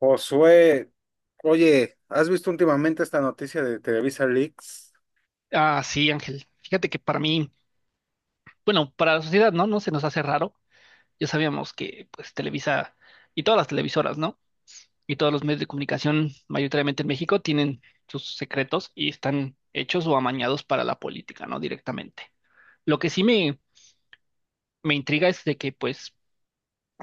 Josué, oye, ¿has visto últimamente esta noticia de Televisa Leaks? Ah, sí, Ángel. Fíjate que para mí, bueno, para la sociedad, ¿no? No se nos hace raro. Ya sabíamos que, pues, Televisa y todas las televisoras, ¿no? Y todos los medios de comunicación, mayoritariamente en México, tienen sus secretos y están hechos o amañados para la política, ¿no? Directamente. Lo que sí me intriga es de que, pues,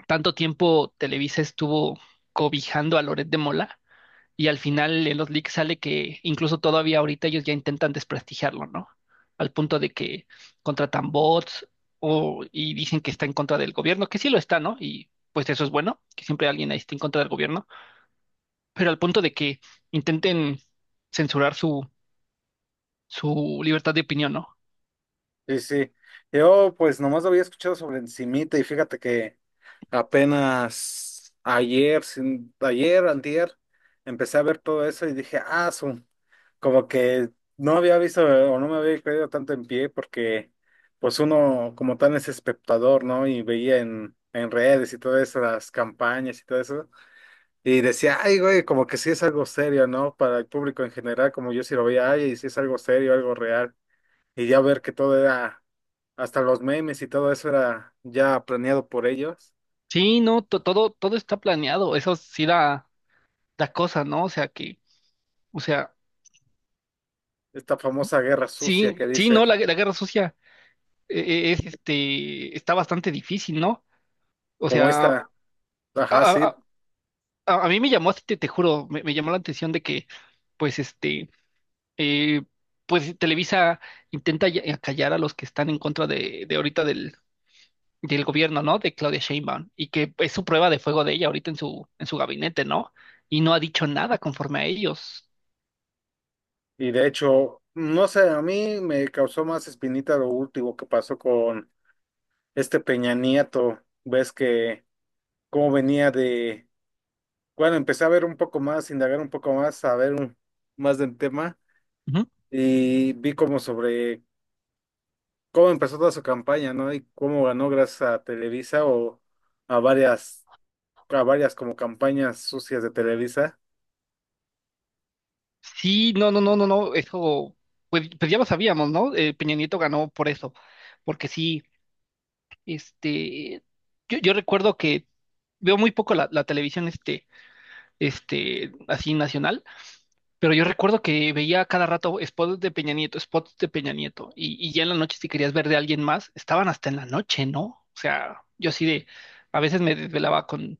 tanto tiempo Televisa estuvo cobijando a Loret de Mola. Y al final en los leaks sale que incluso todavía ahorita ellos ya intentan desprestigiarlo, ¿no? Al punto de que contratan bots o, y dicen que está en contra del gobierno, que sí lo está, ¿no? Y pues eso es bueno, que siempre alguien ahí esté en contra del gobierno, pero al punto de que intenten censurar su libertad de opinión, ¿no? Sí, sí. Yo pues nomás lo había escuchado sobre encimita y fíjate que apenas ayer, ayer, antier, empecé a ver todo eso y dije, como que no había visto o no me había creído tanto en pie porque pues uno como tal es espectador, ¿no? Y veía en redes y todas las campañas y todo eso. Y decía, ay, güey, como que sí es algo serio, ¿no? Para el público en general, como yo sí lo veía, ay, y sí es algo serio, algo real. Y ya ver que hasta los memes y todo eso era ya planeado por ellos. Sí, no, todo, todo está planeado, eso sí da cosa, ¿no? O sea que, o sea, Esta famosa guerra sucia sí, que sí, dicen, no, la guerra sucia es está bastante difícil, ¿no? O como sea, esta, A, ajá, sí. a- a mí me llamó, te juro, me llamó la atención de que, pues, eh, pues Televisa callar a los que están en contra de ahorita del gobierno, ¿no? De Claudia Sheinbaum, y que es su prueba de fuego de ella ahorita en en su gabinete, ¿no? Y no ha dicho nada conforme a ellos. Y de hecho, no sé, a mí me causó más espinita lo último que pasó con este Peña Nieto. Ves que cómo venía de, bueno, Empecé a ver un poco más, indagar un poco más, más del tema. Ujú. Y vi como sobre cómo empezó toda su campaña, ¿no? Y cómo ganó gracias a Televisa o a varias, a varias como campañas sucias de Televisa. Sí, no, no, no, no, no, eso, pues, pues ya lo sabíamos, ¿no? Peña Nieto ganó por eso, porque sí, este, yo recuerdo que veo muy poco la televisión, así nacional, pero yo recuerdo que veía cada rato spots de Peña Nieto, spots de Peña Nieto, y ya en la noche si querías ver de alguien más, estaban hasta en la noche, ¿no? O sea, yo así de, a veces me desvelaba con,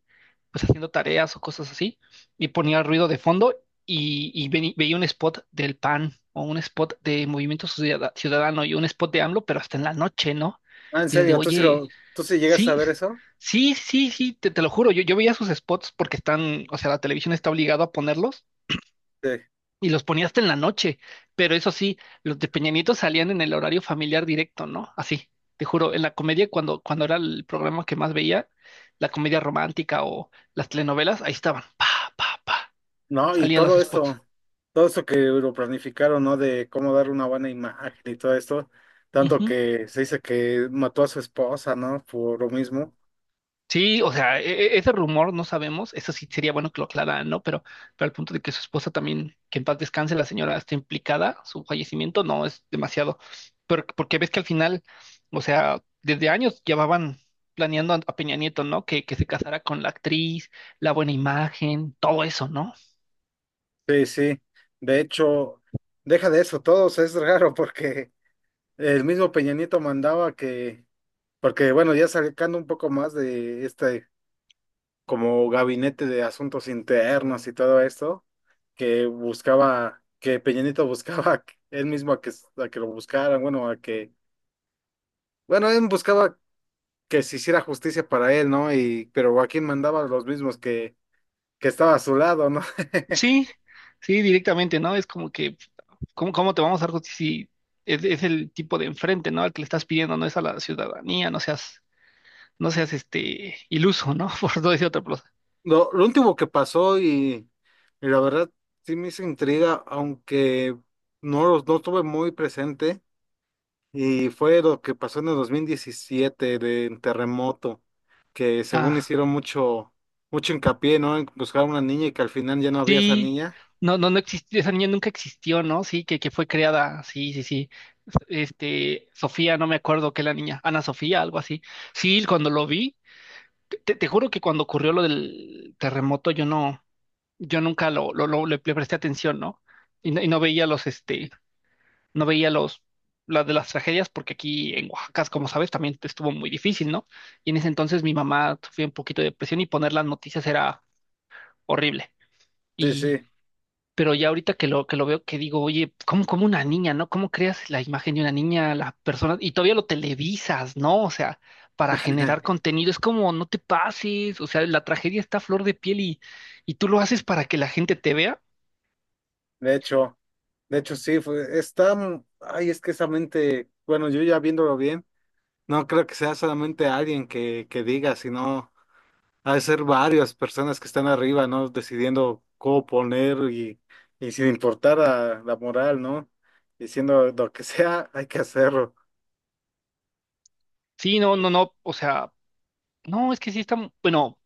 pues haciendo tareas o cosas así, y ponía ruido de fondo y veía un spot del PAN o un spot de Movimiento Ciudadano y un spot de AMLO, pero hasta en la noche, ¿no? Ah, en Y es de, serio, oye, tú sí llegas a sí, ver eso? sí, sí, sí, te lo juro, yo veía sus spots porque están, o sea, la televisión está obligada a ponerlos Sí. y los ponía hasta en la noche, pero eso sí, los de Peña Nieto salían en el horario familiar directo, ¿no? Así, te juro, en la comedia cuando era el programa que más veía, la comedia romántica o las telenovelas, ahí estaban, pa, pa, pa, No, salían los spots. Todo esto que lo planificaron, ¿no? De cómo dar una buena imagen y todo esto, tanto que se dice que mató a su esposa, ¿no? Por lo mismo. Sí, o sea, ese rumor no sabemos, eso sí sería bueno que lo aclararan, ¿no? Pero al punto de que su esposa también, que en paz descanse, la señora está implicada, su fallecimiento no es demasiado. Pero, porque ves que al final, o sea, desde años llevaban planeando a Peña Nieto, ¿no? Que se casara con la actriz, la buena imagen, todo eso, ¿no? Sí, sí. De hecho, deja de eso, todos es raro porque el mismo Peña Nieto mandaba que, porque bueno, ya sacando un poco más de este como gabinete de asuntos internos y todo esto, que Peña Nieto buscaba él mismo a que lo buscaran, él buscaba que se hiciera justicia para él, ¿no? Y, pero Joaquín mandaba a los mismos que estaba a su lado, ¿no? Sí, sí, directamente, ¿no? Es como que, ¿cómo, cómo te vamos a dar justicia si es el tipo de enfrente, ¿no? Al que le estás pidiendo, no es a la ciudadanía, no seas este iluso, ¿no? Por no decir otra cosa. Lo último que pasó y la verdad sí me hizo intriga, aunque no, no tuve muy presente. Y fue lo que pasó en el 2017 de terremoto, que según Ah, hicieron mucho hincapié, ¿no? En buscar una niña y que al final ya no había esa sí. niña. No, no, no existió, esa niña nunca existió, ¿no? Sí, que fue creada, sí, sí, sí. Este, Sofía, no me acuerdo qué la niña, Ana Sofía, algo así. Sí, cuando lo vi, te juro que cuando ocurrió lo del terremoto, yo no, yo nunca le presté atención, ¿no? Y, no y no veía los, este, no veía los, las de las tragedias porque aquí en Oaxaca, como sabes, también estuvo muy difícil, ¿no? Y en ese entonces mi mamá sufría un poquito de depresión y poner las noticias era horrible. Sí, Y, sí. pero ya ahorita que que lo veo, que digo, oye, ¿cómo, cómo una niña, ¿no? ¿Cómo creas la imagen de una niña, la persona? Y todavía lo televisas, ¿no? O sea, para generar contenido, es como, no te pases, o sea, la tragedia está a flor de piel y tú lo haces para que la gente te vea. De hecho, de hecho sí, fue, está, m- ay, es que esa mente, bueno, yo ya viéndolo bien, no creo que sea solamente que diga, sino ha de ser varias personas que están arriba, ¿no? Decidiendo cómo poner y sin importar a la moral, ¿no? Diciendo lo que sea, hay que hacerlo. Sí, no, De no, no, o sea, no, es que sí está, bueno.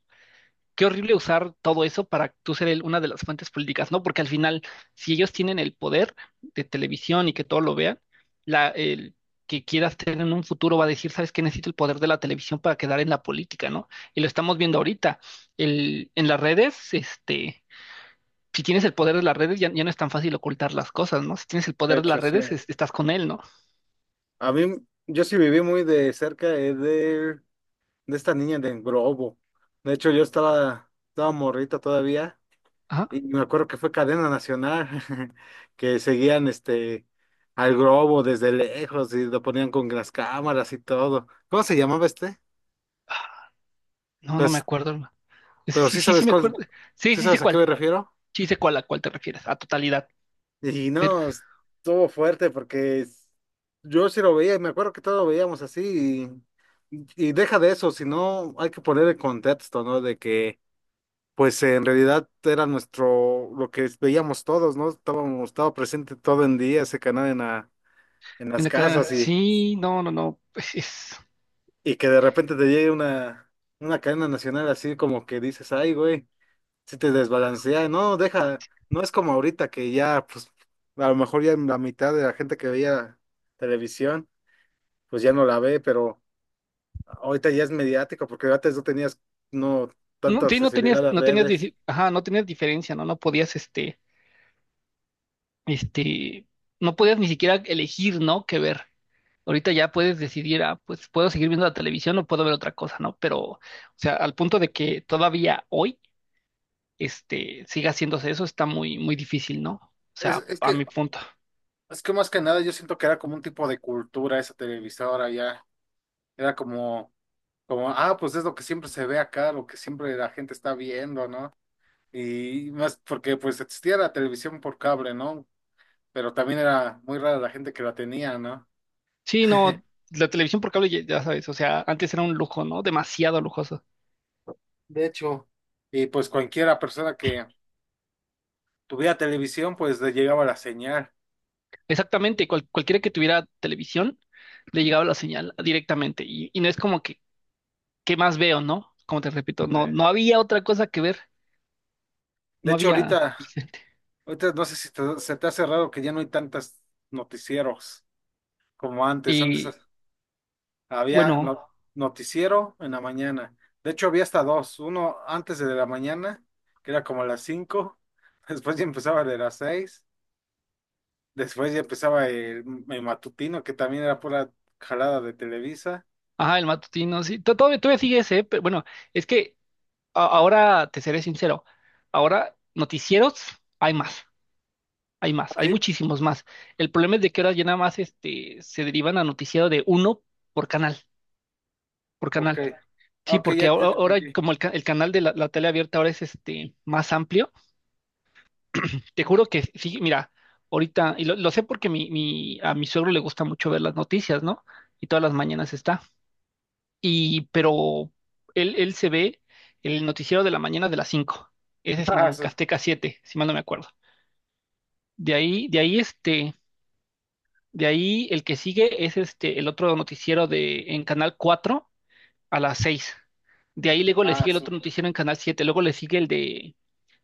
Qué horrible usar todo eso para tú ser una de las fuentes políticas, ¿no? Porque al final, si ellos tienen el poder de televisión y que todo lo vean, el que quieras tener en un futuro va a decir, ¿sabes qué? Necesito el poder de la televisión para quedar en la política, ¿no? Y lo estamos viendo ahorita. En las redes, este, si tienes el poder de las redes, ya, ya no es tan fácil ocultar las cosas, ¿no? Si tienes el poder de las hecho, sí. redes, estás con él, ¿no? A mí, yo sí viví muy de cerca de esta niña de Grobo. De hecho, estaba morrito todavía y Ajá. me acuerdo que fue cadena nacional, que seguían este al Grobo desde lejos y lo ponían con las cámaras y todo. ¿Cómo se llamaba este? Ah, no, no me Pues, acuerdo, hermano. Sí, pero sí, sí sí, sí sabes me cuál, acuerdo. Sí, sí sí sé sabes a qué cuál. me refiero. Sí sé cuál a cuál te refieres, a totalidad. Y Pero, no, estuvo fuerte porque yo sí lo veía y me acuerdo que todos lo veíamos así y deja de eso, sino hay que poner el contexto, ¿no? De que pues en realidad era nuestro, lo que veíamos todos, ¿no? Estaba presente todo el día ese canal en en las la cadena. casas Sí, no, no, no, pues es- y que de repente te llegue una cadena nacional así como que dices, ay, güey. Si te desbalancea, no, deja, no es como ahorita que ya, pues, a lo mejor ya la mitad de la gente que veía televisión, pues ya no la ve, pero ahorita ya es mediático, porque antes no tenías, no, No, tanta sí, no accesibilidad tenías, a las no tenías, redes. Ajá, no tenías diferencia, ¿no? No podías, este, no podías ni siquiera elegir, ¿no? Qué ver. Ahorita ya puedes decidir, ah, pues puedo seguir viendo la televisión o puedo ver otra cosa, ¿no? Pero, o sea, al punto de que todavía hoy, este, siga haciéndose eso, está muy, muy difícil, ¿no? O Es, sea, es a que, mi punto. es que más que nada yo siento que era como un tipo de cultura esa televisora ya. Era como, ah, pues es lo que siempre se ve acá, lo que siempre la gente está viendo, ¿no? Y más porque pues existía la televisión por cable, ¿no? Pero también era muy rara la gente que la tenía, ¿no? Sí, no, la televisión por cable, ya ya sabes, o sea, antes era un lujo, ¿no? Demasiado lujoso. De hecho, y pues cualquiera persona que tuviera televisión, pues le llegaba la señal. Exactamente, cualquiera que tuviera televisión le llegaba la señal directamente y no es como que, ¿qué más veo, no? Como te repito, no, Sí. no había otra cosa que ver, De no hecho, había, ahorita no sé si se te hace raro que ya no hay tantos noticieros como antes. Antes y había bueno, noticiero en la mañana. De hecho, había hasta dos. Uno antes de la mañana, que era como a las cinco. Después ya empezaba de las seis. Después ya empezaba el matutino, que también era pura jalada de Televisa. ajá, el matutino, sí, todavía, todavía sigue ese, ¿eh? Pero bueno, es que ahora, te seré sincero, ahora noticieros hay más, hay más, hay Sí, muchísimos más. El problema es de que ahora ya nada más este, se derivan a noticiero de uno por canal, por ok. canal. Ah, Sí, ok, porque ya te ahora, ahora entendí. como el canal de la tele abierta ahora es este más amplio, te juro que sí, mira, ahorita, y lo sé porque a mi suegro le gusta mucho ver las noticias, ¿no? Y todas las mañanas está. Y, pero él se ve el noticiero de la mañana de las 5. Ese es Ah, en su. Azteca 7, si mal no me acuerdo. De ahí este, de ahí el que sigue es este, el otro noticiero de, en Canal 4 a las 6. De ahí luego le Ah, sigue el su. otro noticiero en Canal 7. Luego le sigue el de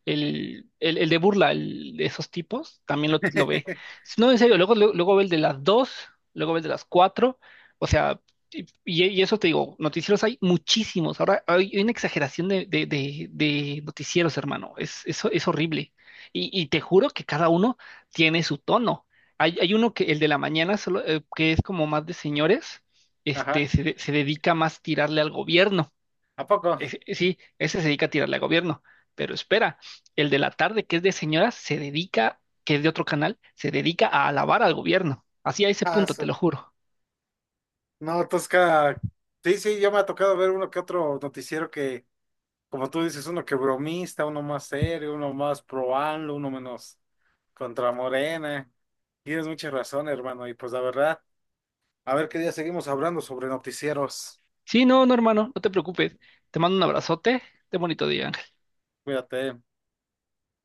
el de burla, el de esos tipos, también lo ve. Si no, en serio, luego, luego, luego ve el de las 2, luego ve el de las 4, o sea, eso te digo, noticieros hay muchísimos, ahora hay una exageración de noticieros, hermano, es, eso es horrible. Y te juro que cada uno tiene su tono. Hay uno que, el de la mañana, solo, que es como más de señores, Ajá. Se dedica más a tirarle al gobierno. ¿A poco? Sí, ese se dedica a tirarle al gobierno, pero espera, el de la tarde, que es de señoras, se dedica, que es de otro canal, se dedica a alabar al gobierno. Así a ese Ah, punto, te su. lo juro. No, Tosca. Sí, sí, ya me ha tocado ver uno que otro noticiero que, como tú dices, uno que bromista, uno más serio, uno más pro AMLO, uno menos contra Morena. Tienes mucha razón, hermano. Y pues la verdad, a ver qué día seguimos hablando sobre noticieros. Sí, no, no, hermano, no te preocupes. Te mando un abrazote. Ten bonito día. Cuídate.